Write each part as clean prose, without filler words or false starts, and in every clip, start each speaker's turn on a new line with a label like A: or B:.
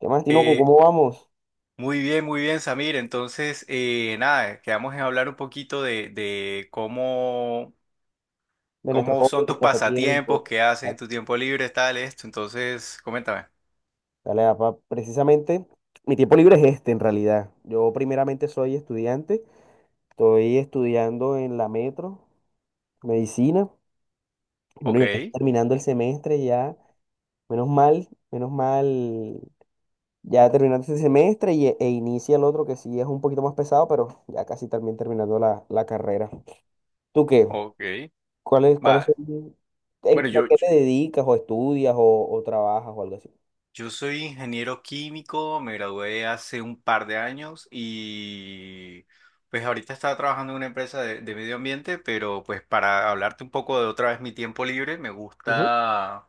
A: ¿Qué más, Tinoco?
B: Eh,
A: ¿Cómo vamos?
B: Muy bien, muy bien, Samir. Entonces, nada, quedamos en hablar un poquito de cómo,
A: De nuestros
B: cómo
A: hobbies,
B: son tus
A: pasatiempos.
B: pasatiempos, qué haces en tu tiempo libre, tal, esto. Entonces, coméntame.
A: Dale, papá. Precisamente, mi tiempo libre es este, en realidad. Yo primeramente soy estudiante. Estoy estudiando en la Metro, medicina. Bueno,
B: Ok,
A: ya casi terminando el semestre, ya. Menos mal, menos mal. Ya terminando este semestre e inicia el otro que sí es un poquito más pesado, pero ya casi también terminando la carrera. ¿Tú qué?
B: ok.
A: ¿Cuáles
B: Va.
A: son?
B: Bueno,
A: A
B: yo,
A: qué te dedicas o estudias o trabajas o algo así?
B: yo soy ingeniero químico, me gradué hace un par de años y pues ahorita estaba trabajando en una empresa de medio ambiente, pero pues para hablarte un poco de otra vez mi tiempo libre, me gusta...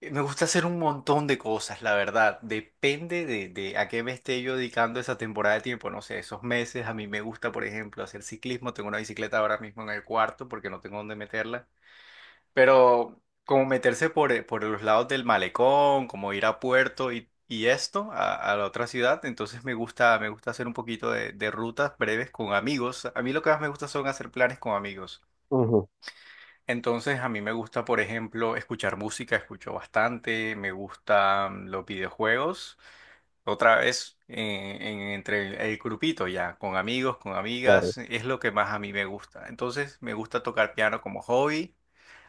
B: Eh, Me gusta hacer un montón de cosas, la verdad. Depende de a qué me esté yo dedicando esa temporada de tiempo. No sé, esos meses a mí me gusta, por ejemplo, hacer ciclismo. Tengo una bicicleta ahora mismo en el cuarto porque no tengo dónde meterla. Pero como meterse por los lados del malecón, como ir a Puerto y esto, a la otra ciudad. Entonces me gusta hacer un poquito de rutas breves con amigos. A mí lo que más me gusta son hacer planes con amigos.
A: Ujú,
B: Entonces a mí me gusta, por ejemplo, escuchar música, escucho bastante, me gustan los videojuegos. Otra vez, entre el grupito ya, con amigos, con
A: claro.
B: amigas, es lo que más a mí me gusta. Entonces me gusta tocar piano como hobby,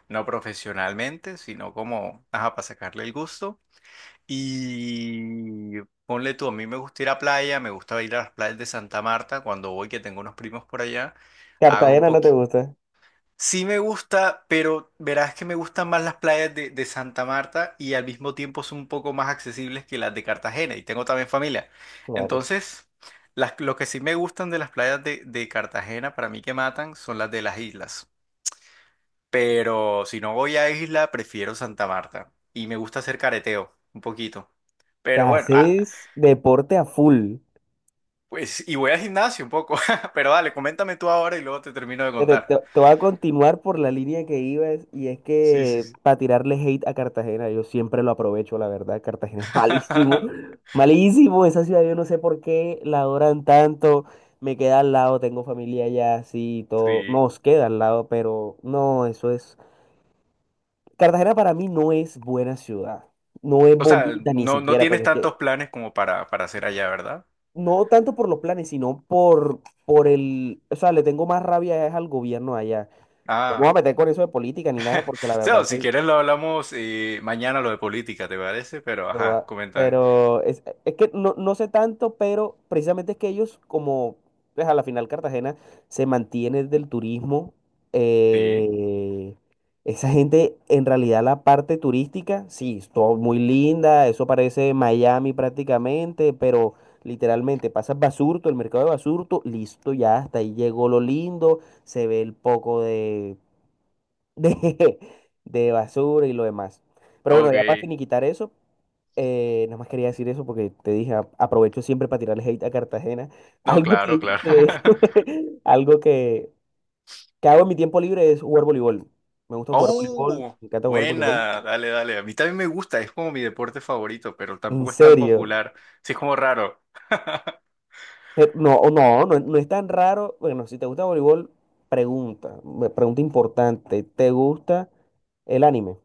B: no profesionalmente, sino como, ajá, para sacarle el gusto. Y ponle tú, a mí me gusta ir a playa, me gusta ir a las playas de Santa Marta cuando voy, que tengo unos primos por allá. Hago un
A: Cartagena no te
B: poquito.
A: gusta.
B: Sí me gusta, pero verás que me gustan más las playas de Santa Marta y al mismo tiempo son un poco más accesibles que las de Cartagena y tengo también familia.
A: Claro.
B: Entonces, lo que sí me gustan de las playas de Cartagena para mí que matan son las de las islas. Pero si no voy a isla, prefiero Santa Marta y me gusta hacer careteo un poquito.
A: Te
B: Pero bueno,
A: haces deporte a full.
B: pues y voy al gimnasio un poco, pero dale, coméntame tú ahora y luego te termino de
A: Pero te,
B: contar.
A: te voy a continuar por la línea que ibas, y es
B: Sí, sí,
A: que
B: sí.
A: para tirarle hate a Cartagena, yo siempre lo aprovecho, la verdad. Cartagena es malísimo, malísimo. Esa ciudad yo no sé por qué la adoran tanto. Me queda al lado, tengo familia allá, así y todo.
B: Sí.
A: Nos queda al lado, pero no, eso es. Cartagena para mí no es buena ciudad. No es
B: O sea,
A: bonita ni
B: no, no
A: siquiera,
B: tienes
A: porque es que
B: tantos planes como para hacer allá, ¿verdad?
A: no tanto por los planes, sino por el, o sea, le tengo más rabia es al gobierno allá. No me voy a
B: Ah,
A: meter con eso de política ni nada, porque la verdad
B: o si
A: soy,
B: quieres lo hablamos mañana lo de política, ¿te parece? Pero, ajá, coméntame.
A: Pero es, que no sé tanto, pero precisamente es que ellos, como pues a la final Cartagena se mantiene del turismo,
B: Sí,
A: eh, esa gente en realidad la parte turística, sí, es todo muy linda, eso parece Miami prácticamente, pero literalmente pasas Basurto, el mercado de Basurto, listo, ya hasta ahí llegó lo lindo, se ve el poco de, de, de basura y lo demás. Pero bueno, ya para
B: ok.
A: finiquitar eso. Nada más quería decir eso porque te dije, aprovecho siempre para tirarle hate a Cartagena.
B: No,
A: Algo
B: claro,
A: que,
B: claro.
A: que- Algo que hago en mi tiempo libre es jugar voleibol. Me gusta jugar voleibol,
B: Oh,
A: me encanta jugar voleibol.
B: buena, dale, dale. A mí también me gusta, es como mi deporte favorito, pero
A: En
B: tampoco es tan
A: serio.
B: popular. Sí, es como raro.
A: Pero no, o no, no, no es tan raro. Bueno, si te gusta voleibol, pregunta, pregunta importante. ¿Te gusta el anime?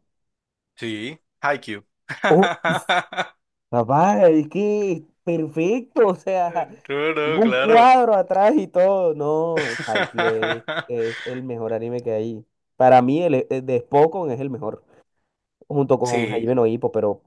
B: Sí, Haikyuu.
A: Papá, es que es perfecto, o sea,
B: No,
A: tengo
B: no,
A: un
B: claro.
A: cuadro atrás y todo. No, Haikyuu es, es el mejor anime que hay. Para mí, el de Spokon es el mejor, junto con
B: Sí,
A: Hajime no Ippo, pero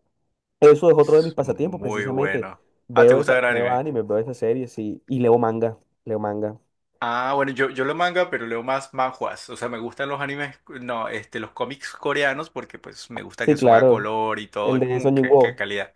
A: eso es otro de mis
B: es
A: pasatiempos,
B: muy
A: precisamente.
B: bueno. Ah, ¿te
A: Veo
B: gusta
A: esa,
B: ver
A: veo
B: anime?
A: anime, veo esas series y leo manga, leo manga.
B: Ah, bueno, yo leo manga, pero leo más manhwas. O sea, me gustan los animes, no, los cómics coreanos, porque pues me gusta
A: Sí,
B: que son a
A: claro,
B: color y todo,
A: el
B: y
A: de
B: como
A: Song
B: que
A: Jin-woo,
B: calidad.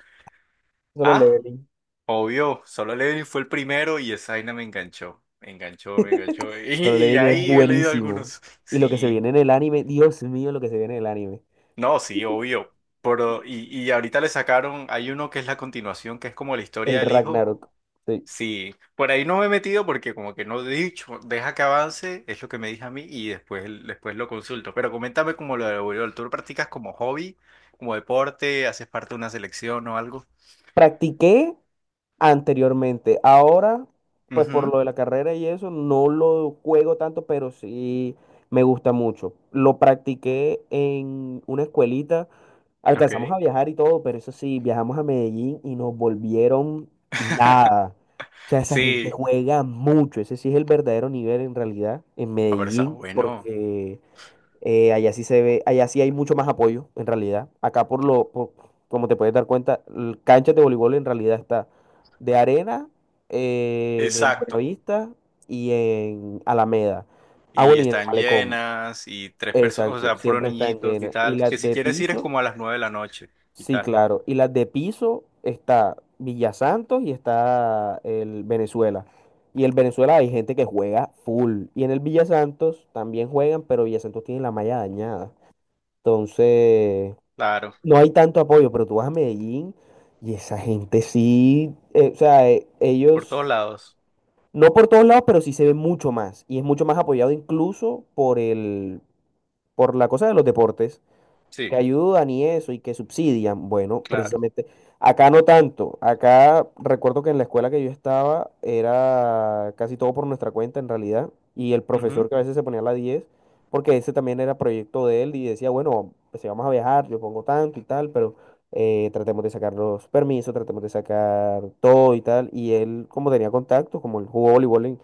A: Solo
B: Ah,
A: Leveling.
B: obvio, Solo Leveling fue el primero y esa vaina me enganchó. Me enganchó, me enganchó.
A: Solo
B: Y
A: Leveling es
B: ahí he leído
A: buenísimo.
B: algunos.
A: Y lo que se
B: Sí,
A: viene en el anime, Dios mío, lo que se viene en el anime,
B: no, sí, obvio. Pero, y ahorita le sacaron, hay uno que es la continuación, que es como la
A: el
B: historia del hijo.
A: Ragnarok. Sí.
B: Sí, por ahí no me he metido porque como que no he dicho, deja que avance, es lo que me dije a mí y después lo consulto. Pero coméntame como lo de voleibol, ¿tú lo practicas como hobby, como deporte, haces parte de una selección o algo?
A: Practiqué anteriormente. Ahora, pues por
B: Ujú.
A: lo de la carrera y eso, no lo juego tanto, pero sí me gusta mucho. Lo practiqué en una escuelita. Alcanzamos
B: Ok.
A: a viajar y todo, pero eso sí, viajamos a Medellín y nos volvieron nada. O sea, esa gente
B: Sí,
A: juega mucho. Ese sí es el verdadero nivel en realidad en
B: pero está
A: Medellín,
B: bueno.
A: porque allá sí se ve, allá sí hay mucho más apoyo, en realidad. Acá por
B: Ok.
A: como te puedes dar cuenta, canchas de voleibol en realidad está de arena, en el
B: Exacto.
A: Buenavista y en Alameda. Ah,
B: Y
A: bueno, y en el
B: están
A: Malecón.
B: llenas y tres personas, o
A: Exacto,
B: sea, puros
A: siempre están
B: niñitos y
A: llenas. Y
B: tal. Que
A: las
B: si
A: de
B: quieres ir es
A: piso,
B: como a las 9 de la noche y
A: sí,
B: tal.
A: claro. Y las de piso está Villa Santos y está el Venezuela. Y el Venezuela hay gente que juega full. Y en el Villa Santos también juegan, pero Villa Santos tiene la malla dañada. Entonces,
B: Claro,
A: no hay tanto apoyo, pero tú vas a Medellín y esa gente sí, o sea,
B: por
A: ellos,
B: todos lados.
A: no por todos lados, pero sí se ve mucho más. Y es mucho más apoyado incluso por la cosa de los deportes
B: Sí,
A: que ayudan y eso y que subsidian. Bueno,
B: claro.
A: precisamente acá no tanto. Acá recuerdo que en la escuela que yo estaba era casi todo por nuestra cuenta en realidad, y el profesor
B: Ujú.
A: que a veces se ponía a la diez, porque ese también era proyecto de él y decía, bueno, pues si vamos a viajar, yo pongo tanto y tal, pero tratemos de sacar los permisos, tratemos de sacar todo y tal. Y él, como tenía contacto, como él jugó voleibol en,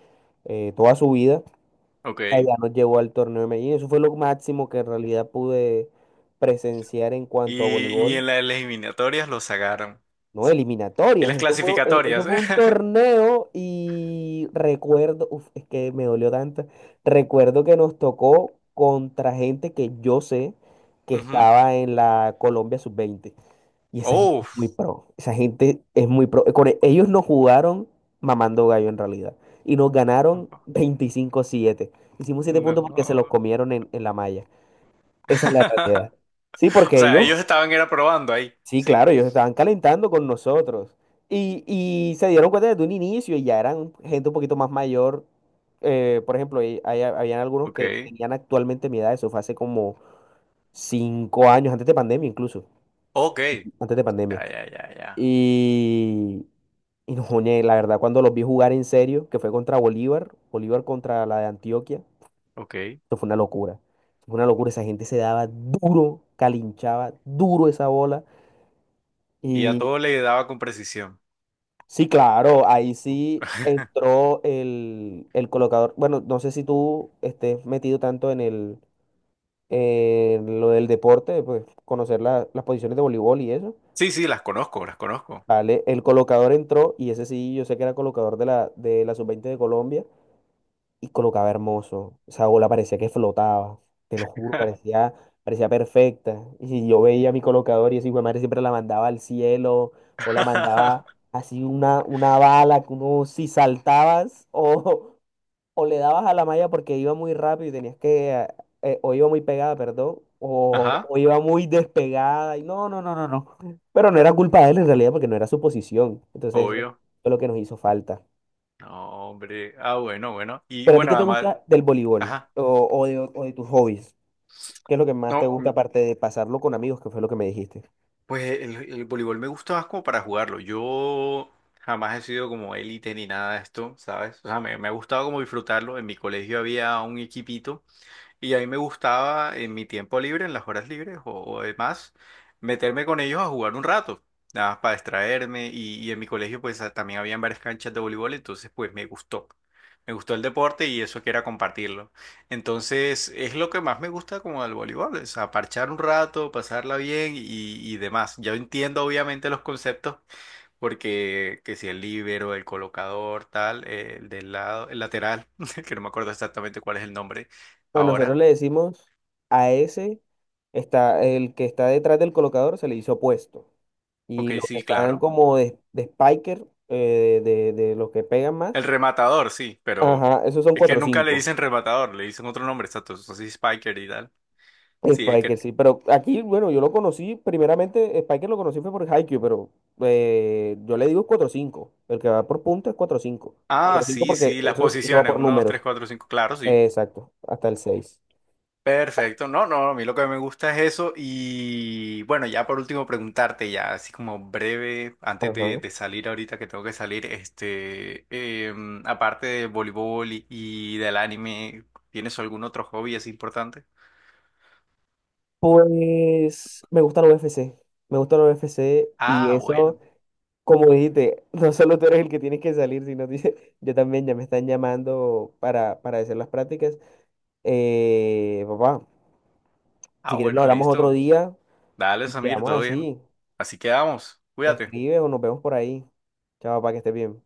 A: toda su vida,
B: Ok.
A: ella nos llevó al torneo de Medellín. Eso fue lo máximo que en realidad pude presenciar en cuanto a
B: Y en
A: voleibol.
B: las eliminatorias lo sacaron.
A: No,
B: En
A: eliminatorias.
B: las
A: Eso fue, e- eso
B: clasificatorias,
A: fue un
B: ¿eh?
A: torneo y recuerdo, uf, es que me dolió tanto. Recuerdo que nos tocó contra gente que yo sé que
B: Ujú.
A: estaba en la Colombia sub-20. Y esa gente es
B: Oh,
A: muy pro. Esa gente es muy pro. Con ellos nos jugaron mamando gallo en realidad. Y nos ganaron
B: tampoco.
A: 25-7. Hicimos siete puntos porque se los
B: No.
A: comieron en, la malla. Esa es la realidad. Sí,
B: O
A: porque
B: sea,
A: ellos,
B: ellos estaban era probando ahí.
A: sí,
B: Sí.
A: claro, ellos estaban calentando con nosotros. Y se dieron cuenta desde un inicio, y ya eran gente un poquito más mayor. Por ejemplo, y habían algunos que
B: Ok.
A: tenían actualmente mi edad. Eso fue hace como 5 años, antes de pandemia incluso.
B: Ok. Ya,
A: Antes de pandemia.
B: ya, ya, ya.
A: Y, y no, ñe, la verdad, cuando los vi jugar en serio, que fue contra Bolívar, Bolívar contra la de Antioquia,
B: Ok.
A: eso fue una locura. Eso fue una locura, esa gente se daba duro, calinchaba duro esa bola.
B: Y a
A: Y
B: todo le daba con precisión.
A: sí, claro, ahí sí entró el colocador. Bueno, no sé si tú estés metido tanto en el en lo del deporte, pues conocer las posiciones de voleibol y eso.
B: Sí, sí, las conozco, las conozco.
A: Vale, el colocador entró y ese sí, yo sé que era colocador de la sub-20 de Colombia. Y colocaba hermoso. Esa bola parecía que flotaba, te lo juro, parecía, perfecta. Y si yo veía mi colocador y ese hijo de madre siempre la mandaba al cielo, o la mandaba así una bala que uno si saltabas o le dabas a la malla porque iba muy rápido y tenías que, o iba muy pegada, perdón. O,
B: Ajá,
A: o iba muy despegada y no, no, no, no, no. Pero no era culpa de él en realidad porque no era su posición. Entonces eso
B: obvio.
A: fue lo que nos hizo falta.
B: No, hombre. Ah, bueno, bueno. Y
A: Pero a ti, ¿qué
B: bueno,
A: te
B: además,
A: gusta del voleibol
B: ajá.
A: o de tus hobbies? ¿Qué es lo que más te
B: No.
A: gusta aparte de pasarlo con amigos, que fue lo que me dijiste?
B: Pues el voleibol me gusta más como para jugarlo. Yo jamás he sido como élite ni nada de esto, ¿sabes? O sea, me ha gustado como disfrutarlo. En mi colegio había un equipito. Y a mí me gustaba en mi tiempo libre, en las horas libres o demás, meterme con ellos a jugar un rato, nada más para distraerme. Y en mi colegio pues también habían varias canchas de voleibol, entonces pues me gustó. Me gustó el deporte y eso que era compartirlo. Entonces es lo que más me gusta como del voleibol, o sea, parchar un rato, pasarla bien y demás. Yo entiendo obviamente los conceptos porque que si el líbero, el colocador, tal, el del lado, el lateral, que no me acuerdo exactamente cuál es el nombre
A: Bueno, nosotros
B: ahora.
A: le decimos a ese, está, el que está detrás del colocador se le hizo puesto. Y
B: Ok,
A: los que
B: sí,
A: están
B: claro.
A: como de spiker, de los que pegan más,
B: El rematador, sí, pero
A: ajá, esos son
B: es que
A: 4
B: nunca le dicen
A: cinco.
B: rematador, le dicen otro nombre, exacto, así Spiker y tal. Sí, es que.
A: Spiker, sí, pero aquí, bueno, yo lo conocí, primeramente, Spiker lo conocí fue por Haikyuu, pero yo le digo cuatro cinco, el que va por punto es cuatro cinco,
B: Ah,
A: cuatro cinco
B: sí,
A: porque
B: sí, las
A: eso, eso va
B: posiciones,
A: por
B: uno dos tres
A: números.
B: cuatro cinco claro, sí.
A: Exacto, hasta el seis.
B: Perfecto, no, no, a mí lo que me gusta es eso y bueno, ya por último preguntarte ya, así como breve, antes de,
A: Ajá.
B: de salir ahorita que tengo que salir, aparte de voleibol y del anime, ¿tienes algún otro hobby así importante?
A: Pues me gusta la UFC. Me gusta la U F C, y
B: Ah,
A: eso,
B: bueno,
A: como dijiste, no solo tú eres el que tienes que salir, sino dice, yo también ya me están llamando para, hacer las prácticas. Papá, si quieres lo
B: bueno,
A: hablamos otro
B: listo.
A: día
B: Dale,
A: y
B: Samir,
A: quedamos
B: todo bien.
A: así.
B: Así quedamos.
A: Me
B: Cuídate.
A: escribes o nos vemos por ahí. Chao, para que estés bien.